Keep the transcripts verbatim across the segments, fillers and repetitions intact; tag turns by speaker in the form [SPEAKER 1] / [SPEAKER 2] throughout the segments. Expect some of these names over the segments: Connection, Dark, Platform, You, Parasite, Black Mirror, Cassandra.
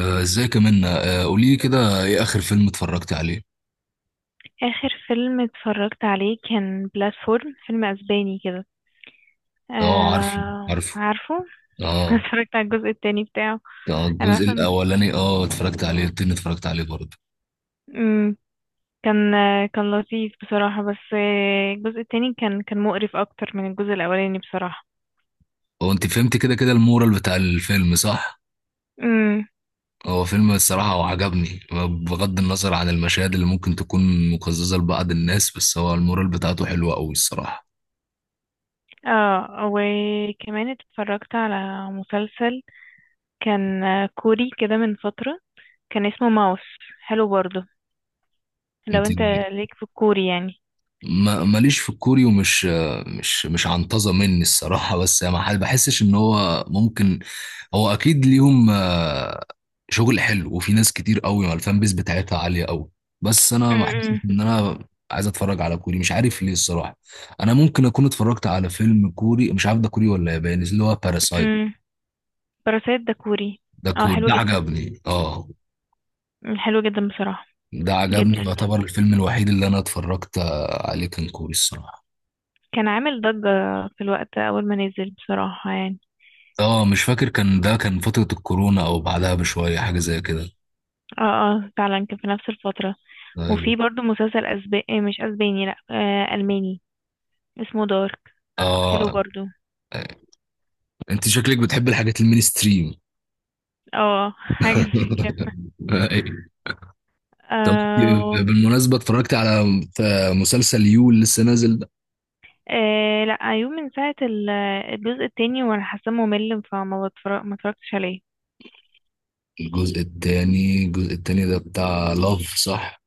[SPEAKER 1] آه، ازيك يا منى؟ قولي لي كده ايه اخر فيلم اتفرجت عليه؟
[SPEAKER 2] آخر فيلم اتفرجت عليه كان بلاتفورم، فيلم أسباني كده.
[SPEAKER 1] اه عارفه
[SPEAKER 2] آه
[SPEAKER 1] عارفه.
[SPEAKER 2] عارفه.
[SPEAKER 1] اه.
[SPEAKER 2] اتفرجت على الجزء التاني بتاعه.
[SPEAKER 1] آه،
[SPEAKER 2] أنا
[SPEAKER 1] الجزء
[SPEAKER 2] عارفة إن-
[SPEAKER 1] الاولاني اه اتفرجت عليه، التاني اتفرجت عليه برضه.
[SPEAKER 2] مم، كان آه، كان لطيف بصراحة، بس آه، الجزء التاني كان كان مقرف أكتر من الجزء الأولاني بصراحة.
[SPEAKER 1] هو انت فهمت كده كده المورال بتاع الفيلم صح؟
[SPEAKER 2] مم،
[SPEAKER 1] هو فيلم الصراحة وعجبني، بغض النظر عن المشاهد اللي ممكن تكون مقززة لبعض الناس، بس هو المورال بتاعته حلوة قوي الصراحة.
[SPEAKER 2] اه، وكمان اتفرجت على مسلسل كان آه، كوري كده من فترة. كان اسمه ماوس، حلو برضه. لو
[SPEAKER 1] انت
[SPEAKER 2] انت ليك في الكوري يعني.
[SPEAKER 1] ما ماليش في الكوري ومش مش مش عنطزة مني الصراحة، بس يعني ما حد بحسش ان هو ممكن، هو اكيد ليهم آه، شغل حلو وفي ناس كتير قوي ما الفان بيس بتاعتها عالية قوي. بس انا ما حسيتش
[SPEAKER 2] مم،
[SPEAKER 1] ان انا عايز اتفرج على كوري، مش عارف ليه الصراحة. انا ممكن اكون اتفرجت على فيلم كوري مش عارف ده كوري ولا ياباني اللي هو باراسايت.
[SPEAKER 2] مم، باراسايت ده كوري.
[SPEAKER 1] ده
[SPEAKER 2] اه
[SPEAKER 1] كوري،
[SPEAKER 2] حلو
[SPEAKER 1] ده
[SPEAKER 2] جدا،
[SPEAKER 1] عجبني اه.
[SPEAKER 2] حلو جدا بصراحة.
[SPEAKER 1] ده عجبني،
[SPEAKER 2] جدا يعني.
[SPEAKER 1] يعتبر الفيلم الوحيد اللي انا اتفرجت آه، عليه كان كوري الصراحة.
[SPEAKER 2] كان عامل ضجة في الوقت أول ما نزل بصراحة يعني.
[SPEAKER 1] اه مش فاكر كان ده كان فترة الكورونا او بعدها بشوية حاجة زي كده.
[SPEAKER 2] اه اه فعلا كان في نفس الفترة.
[SPEAKER 1] ايوه.
[SPEAKER 2] وفي برضو مسلسل أسباني، مش أسباني، لأ آه ألماني، اسمه دارك. حلو
[SPEAKER 1] اه
[SPEAKER 2] برضو.
[SPEAKER 1] انت شكلك بتحب الحاجات المينستريم.
[SPEAKER 2] اه حاجة زي كده.
[SPEAKER 1] أيوة. طب إنت
[SPEAKER 2] آه.
[SPEAKER 1] بالمناسبة اتفرجت على مسلسل يو اللي لسه نازل ده؟
[SPEAKER 2] آه، لأ أيوه، من ساعة ال- الجزء التاني وأنا حاسة ممل، فما بتفرج ما اتفرجتش عليه.
[SPEAKER 1] الجزء التاني، الجزء التاني ده بتاع لاف صح؟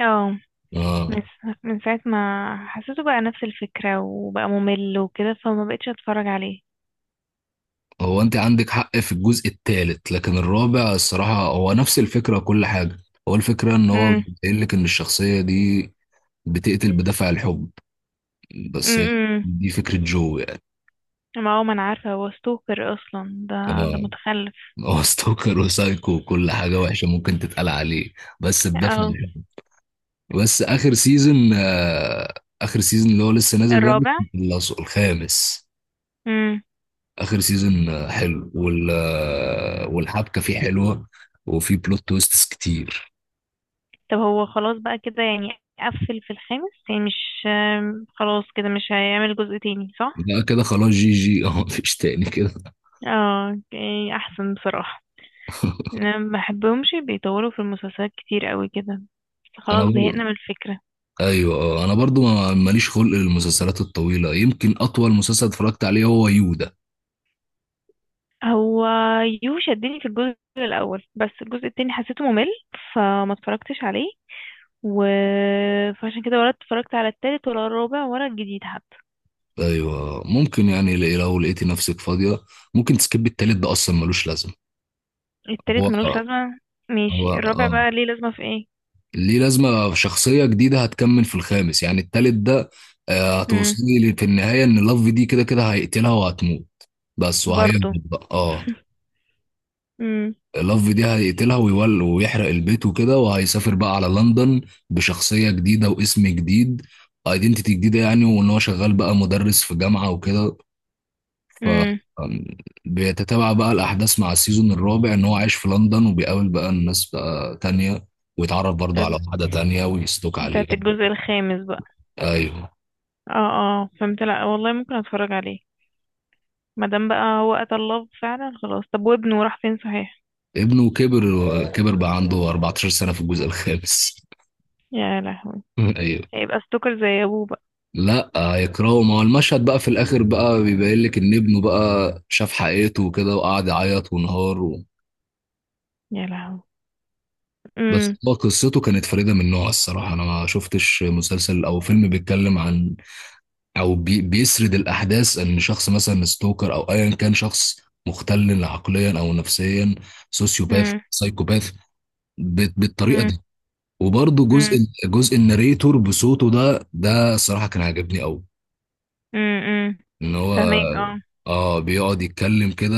[SPEAKER 2] اه.
[SPEAKER 1] اه.
[SPEAKER 2] بس من ساعة ما حسيته بقى نفس الفكرة وبقى ممل وكده، فما بقتش اتفرج عليه.
[SPEAKER 1] هو انت عندك حق في الجزء التالت، لكن الرابع الصراحة هو نفس الفكرة كل حاجة. هو الفكرة ان هو
[SPEAKER 2] امم.
[SPEAKER 1] بيقول لك ان الشخصية دي بتقتل بدافع الحب بس،
[SPEAKER 2] امم.
[SPEAKER 1] دي فكرة جو يعني.
[SPEAKER 2] ما هو ما انا عارفة هو ستوكر اصلا ده، ده
[SPEAKER 1] اه
[SPEAKER 2] متخلف.
[SPEAKER 1] هو ستوكر وسايكو وكل حاجة وحشة ممكن تتقال عليه، بس بدافع
[SPEAKER 2] اه.
[SPEAKER 1] الحب. بس آخر سيزون آه آخر سيزون اللي هو لسه نازل ده،
[SPEAKER 2] الرابع.
[SPEAKER 1] خلصه الخامس.
[SPEAKER 2] امم.
[SPEAKER 1] آخر سيزون آه، حلو وال آه، والحبكة فيه حلوة، وفيه بلوت تويستس كتير.
[SPEAKER 2] طب هو خلاص بقى كده يعني، قفل في الخامس يعني، مش آم، خلاص كده مش هيعمل جزء تاني، صح؟
[SPEAKER 1] ده كده خلاص جي جي اه مفيش تاني كده.
[SPEAKER 2] اه اوكي، احسن بصراحة. انا ما بحبهمش بيطولوا في المسلسلات كتير قوي كده، بس
[SPEAKER 1] انا
[SPEAKER 2] خلاص
[SPEAKER 1] برضه.
[SPEAKER 2] زهقنا من الفكرة.
[SPEAKER 1] ايوه آه، انا برضه ما- ماليش خلق للمسلسلات الطويله، يمكن اطول مسلسل اتفرجت عليه هو يو ده.
[SPEAKER 2] هو يو شدني في الجزء الاول، بس الجزء التاني حسيته ممل، فما اتفرجتش عليه. و... فعشان كده ولا اتفرجت على التالت ولا الرابع ولا الجديد حتى.
[SPEAKER 1] ايوه ممكن يعني ل- لو لقيتي نفسك فاضيه ممكن تسكبي التالت، ده اصلا ملوش لازمه.
[SPEAKER 2] التالت ملوش
[SPEAKER 1] هو
[SPEAKER 2] لازمة،
[SPEAKER 1] هو
[SPEAKER 2] ماشي. الرابع
[SPEAKER 1] اه
[SPEAKER 2] بقى ليه لازمة، في ايه؟
[SPEAKER 1] ليه لازمه، شخصيه جديده هتكمل في الخامس، يعني التالت ده آه،
[SPEAKER 2] امم.
[SPEAKER 1] هتوصلي لي في النهايه ان لاف دي كده كده هيقتلها وهتموت بس، وهيهبط
[SPEAKER 2] برضو.
[SPEAKER 1] بقى اه.
[SPEAKER 2] امم.
[SPEAKER 1] لاف دي هيقتلها ويول ويحرق البيت وكده، وهيسافر بقى على لندن بشخصيه جديده واسم جديد، ايدنتيتي جديده يعني، وان هو شغال بقى مدرس في جامعه وكده. ف
[SPEAKER 2] امم.
[SPEAKER 1] أم، بيتتابع بقى الأحداث مع السيزون الرابع إن هو عايش في لندن وبيقابل بقى الناس بقى تانية، ويتعرف برضه
[SPEAKER 2] طب
[SPEAKER 1] على واحدة تانية ويستوك عليها.
[SPEAKER 2] بتاعت الجزء الخامس بقى.
[SPEAKER 1] أيوه.
[SPEAKER 2] اه. اه فهمت، لا والله ممكن اتفرج عليه مادام بقى هو قتل الله فعلا خلاص. طب وابنه راح فين صحيح؟
[SPEAKER 1] ابنه كبر، كبر بقى عنده اربعة عشر سنة في الجزء الخامس.
[SPEAKER 2] يا لهوي.
[SPEAKER 1] أيوه.
[SPEAKER 2] هيبقى ستوكر زي ابوه بقى.
[SPEAKER 1] لا هيكرهه، ما هو المشهد بقى في الآخر بقى بيبين لك إن ابنه بقى شاف حقيقته وكده، وقعد يعيط وانهار و...
[SPEAKER 2] يا لهوي.
[SPEAKER 1] بس
[SPEAKER 2] امم.
[SPEAKER 1] هو قصته كانت فريدة من نوعها الصراحة. أنا ما شفتش مسلسل أو فيلم بيتكلم عن او بي بيسرد الاحداث ان شخص مثلا ستوكر او ايا كان شخص مختل عقليا او نفسيا، سوسيوباث
[SPEAKER 2] امم.
[SPEAKER 1] سايكوباث، بت- بالطريقه دي. وبرضه جزء،
[SPEAKER 2] امم.
[SPEAKER 1] جزء الناريتور بصوته ده ده الصراحه كان عاجبني قوي.
[SPEAKER 2] امم.
[SPEAKER 1] ان هو
[SPEAKER 2] فهماك اه.
[SPEAKER 1] اه بيقعد يتكلم كده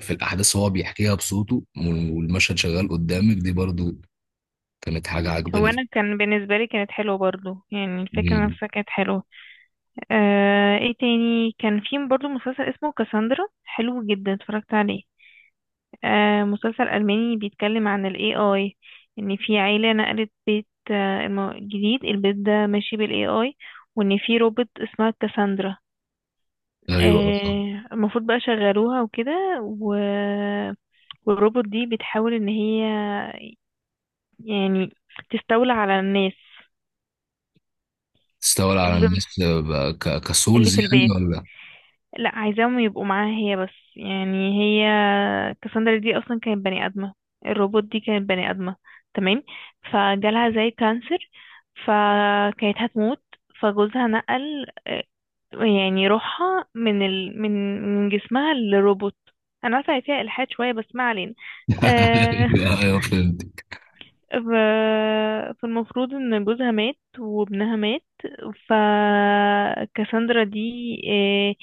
[SPEAKER 1] في الاحداث، هو بيحكيها بصوته وال- والمشهد شغال قدامك، دي برضه كانت حاجه
[SPEAKER 2] هو
[SPEAKER 1] عجباني.
[SPEAKER 2] انا كان بالنسبه لي كانت حلوه برضو، يعني الفكره
[SPEAKER 1] مم.
[SPEAKER 2] نفسها كانت حلوه. آه، ايه تاني كان في برضو مسلسل اسمه كاساندرا، حلو جدا، اتفرجت عليه. آه مسلسل الماني بيتكلم عن الاي اي. ان في عيله نقلت بيت، آه الم- جديد، البيت ده ماشي بالاي اي. وان في روبوت اسمها كاساندرا.
[SPEAKER 1] ايوه آه.
[SPEAKER 2] آه، المفروض بقى شغلوها وكده. و... والروبوت دي بتحاول ان هي يعني تستولى على الناس.
[SPEAKER 1] تستولى على
[SPEAKER 2] بم-
[SPEAKER 1] الناس آه، ب- ك-
[SPEAKER 2] اللي
[SPEAKER 1] كسولز
[SPEAKER 2] في
[SPEAKER 1] يعني
[SPEAKER 2] البيت.
[SPEAKER 1] ولا؟
[SPEAKER 2] لا، عايزاهم يبقوا معاها هي بس يعني. هي كاساندرا دي اصلا كانت بني ادمه. الروبوت دي كانت بني ادمه، تمام. فجالها زي كانسر، فكانت هتموت. فجوزها نقل آه، يعني روحها من ال... من من جسمها للروبوت. انا عارفه هي فيها الحاد شويه، بس ما علينا. آه،
[SPEAKER 1] ايوه ايوه فهمت.
[SPEAKER 2] ف- فالمفروض ان جوزها مات وابنها مات. فكاساندرا دي آه،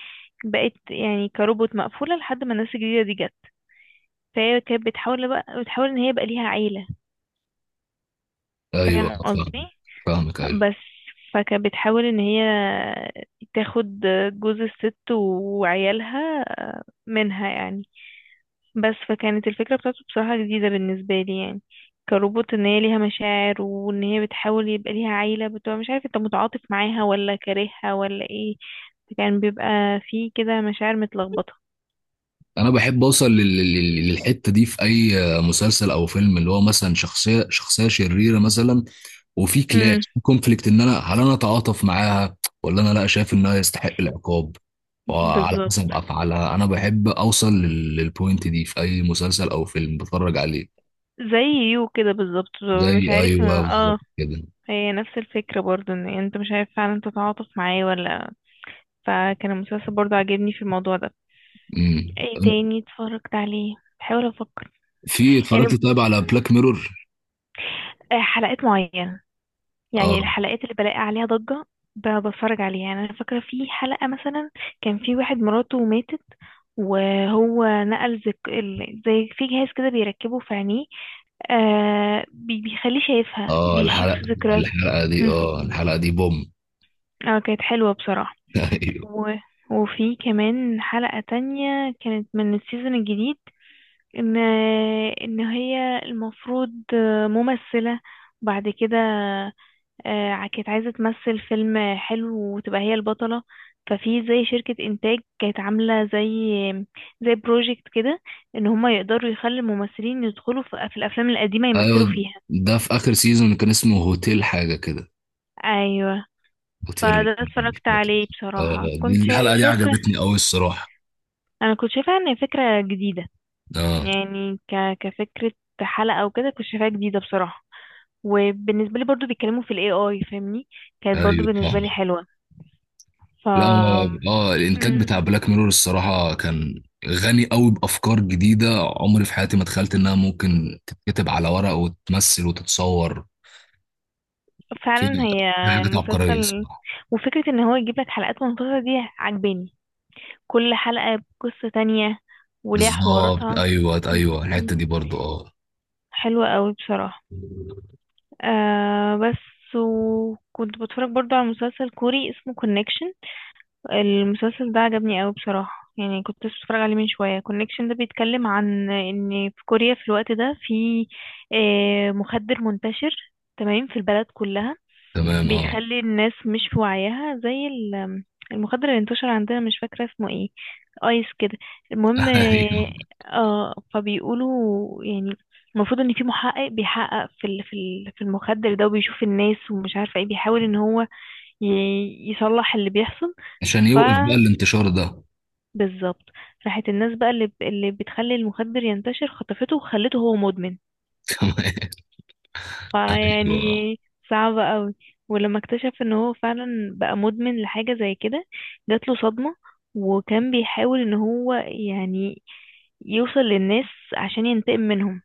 [SPEAKER 2] بقت يعني كروبوت مقفولة لحد ما الناس الجديدة دي جت. فهي كانت بتحاول بقى بتحاول ان هي يبقى ليها عيلة.
[SPEAKER 1] ايوه
[SPEAKER 2] فاهم قصدي؟
[SPEAKER 1] فاهم. فاهمك ايوه.
[SPEAKER 2] بس. فكانت بتحاول ان هي تاخد جوز الست وعيالها منها يعني. بس فكانت الفكرة بتاعته بصراحة جديدة بالنسبة لي يعني. كروبوت ان هي ليها مشاعر وان هي بتحاول يبقى ليها عيلة، بتبقى مش عارف انت متعاطف معاها ولا كارهها ولا ايه. فكان بيبقى فيه كده مشاعر متلخبطة.
[SPEAKER 1] انا بحب اوصل لل- لل- للحته دي في اي مسلسل او فيلم، اللي هو مثلا شخصيه شخصيه شريره مثلا، وفي كلاش
[SPEAKER 2] امم،
[SPEAKER 1] في كونفليكت ان انا هل انا اتعاطف معاها ولا انا لا شايف انها يستحق العقاب. وعلى
[SPEAKER 2] بالظبط.
[SPEAKER 1] حسب افعالها انا بحب اوصل لل- للبوينت دي في اي مسلسل او فيلم بتفرج عليه.
[SPEAKER 2] زي يو كده بالظبط.
[SPEAKER 1] زي
[SPEAKER 2] مش عارف
[SPEAKER 1] ايوه
[SPEAKER 2] اه.
[SPEAKER 1] بالظبط كده.
[SPEAKER 2] هي نفس الفكرة برضو، ان انت مش عارف فعلا تتعاطف معاه ولا. فكان المسلسل برضو عاجبني في الموضوع ده. ايه
[SPEAKER 1] امم.
[SPEAKER 2] تاني اتفرجت عليه؟ بحاول افكر.
[SPEAKER 1] في
[SPEAKER 2] يعني
[SPEAKER 1] اتفرجت طيب على بلاك ميرور؟
[SPEAKER 2] آه، حلقات معينة يعني،
[SPEAKER 1] اه
[SPEAKER 2] الحلقات اللي بلاقي عليها ضجة ب- بتفرج عليها يعني. أنا فاكرة في حلقة مثلا كان في واحد مراته ماتت، وهو نقل زك... ال- زي في جهاز كده بيركبه في عينيه، آه بي- بيخليه شايفها،
[SPEAKER 1] اه.
[SPEAKER 2] بيشوف
[SPEAKER 1] الحلقه
[SPEAKER 2] ذكرياته.
[SPEAKER 1] الحلقه دي
[SPEAKER 2] مم.
[SPEAKER 1] اه الحلقه دي بوم.
[SPEAKER 2] اه كانت حلوة بصراحة. و... وفي كمان حلقة تانية كانت من السيزون الجديد، ان ان هي المفروض ممثلة، بعد كده آه، كانت عايزة تمثل فيلم حلو وتبقى هي البطلة. ففي زي شركة إنتاج كانت عاملة زي زي بروجكت كده، إن هما يقدروا يخلي الممثلين يدخلوا في في الأفلام القديمة يمثلوا
[SPEAKER 1] ايوه.
[SPEAKER 2] فيها.
[SPEAKER 1] ده في اخر سيزون كان اسمه هوتيل حاجه كده،
[SPEAKER 2] أيوة.
[SPEAKER 1] هوتيل ريكي،
[SPEAKER 2] فده
[SPEAKER 1] مش
[SPEAKER 2] اتفرجت
[SPEAKER 1] فاكر.
[SPEAKER 2] عليه بصراحة،
[SPEAKER 1] اه
[SPEAKER 2] كنت
[SPEAKER 1] دي
[SPEAKER 2] شا-
[SPEAKER 1] الحلقه دي
[SPEAKER 2] شايفة.
[SPEAKER 1] عجبتني قوي الصراحه.
[SPEAKER 2] أنا كنت شايفة إن فكرة جديدة
[SPEAKER 1] اه
[SPEAKER 2] يعني، ك... كفكرة حلقة أو كده كنت شايفاها جديدة بصراحة. وبالنسبة لي برضو بيتكلموا في ال إيه آي، فاهمني، كانت برضو
[SPEAKER 1] ايوه
[SPEAKER 2] بالنسبة
[SPEAKER 1] فاهم.
[SPEAKER 2] لي حلوة. ف
[SPEAKER 1] لا هو- اه الانتاج
[SPEAKER 2] مم.
[SPEAKER 1] بتاع بلاك ميرور الصراحه كان غني قوي بافكار جديده. عمري في حياتي ما تخيلت انها ممكن تتكتب على ورق وتتمثل وتتصور. في
[SPEAKER 2] فعلا هي
[SPEAKER 1] في حاجات عبقريه
[SPEAKER 2] المسلسل.
[SPEAKER 1] الصراحه.
[SPEAKER 2] وفكرة ان هو يجيب لك حلقات منفصلة دي عجباني، كل حلقة بقصة تانية وليها
[SPEAKER 1] بالظبط
[SPEAKER 2] حواراتها.
[SPEAKER 1] ايوه ايوه الحته دي برضو اه.
[SPEAKER 2] حلوة قوي بصراحة. آه بس، وكنت بتفرج برضو على مسلسل كوري اسمه كونكشن. المسلسل ده عجبني قوي بصراحة، يعني كنت لسه بتفرج عليه من شوية. كونكشن ده بيتكلم عن ان في كوريا في الوقت ده في آه مخدر منتشر تمام في البلد كلها،
[SPEAKER 1] تمام اه.
[SPEAKER 2] بيخلي الناس مش في وعيها، زي ال- المخدر اللي انتشر عندنا مش فاكرة اسمه ايه، ايس كده. المهم،
[SPEAKER 1] ايوه.
[SPEAKER 2] اه فبيقولوا يعني المفروض ان في محقق بيحقق في ال- في ال- في المخدر ده، وبيشوف الناس ومش عارفة ايه، بيحاول ان هو ي- يصلح اللي بيحصل.
[SPEAKER 1] عشان
[SPEAKER 2] ف
[SPEAKER 1] يوقف بقى الانتشار ده.
[SPEAKER 2] بالظبط. راحت الناس بقى اللي ب- اللي بتخلي المخدر ينتشر، خطفته وخلته هو مدمن.
[SPEAKER 1] تمام. ايوه
[SPEAKER 2] فيعني صعبة قوي. ولما اكتشف ان هو فعلا بقى مدمن لحاجة زي كده، جات له صدمة، وكان بيحاول ان هو يعني يوصل للناس عشان ينتقم منهم.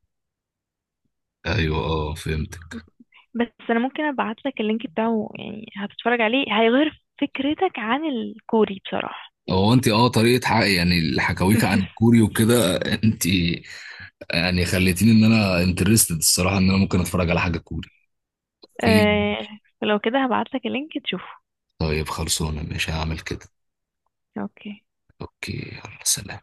[SPEAKER 1] ايوه اه فهمتك.
[SPEAKER 2] بس انا ممكن ابعت لك اللينك بتاعه يعني، هتتفرج عليه هيغير فكرتك عن الكوري بصراحة.
[SPEAKER 1] هو انت اه طريقه حق يعني الحكاويك عن الكوري وكده، انت يعني خليتيني ان انا انترستد الصراحه ان انا ممكن اتفرج على حاجه كوري. اوكي.
[SPEAKER 2] آه، فلو كده هبعت لك اللينك تشوفه.
[SPEAKER 1] طيب خلصونا مش هعمل كده.
[SPEAKER 2] اوكي.
[SPEAKER 1] اوكي يلا سلام.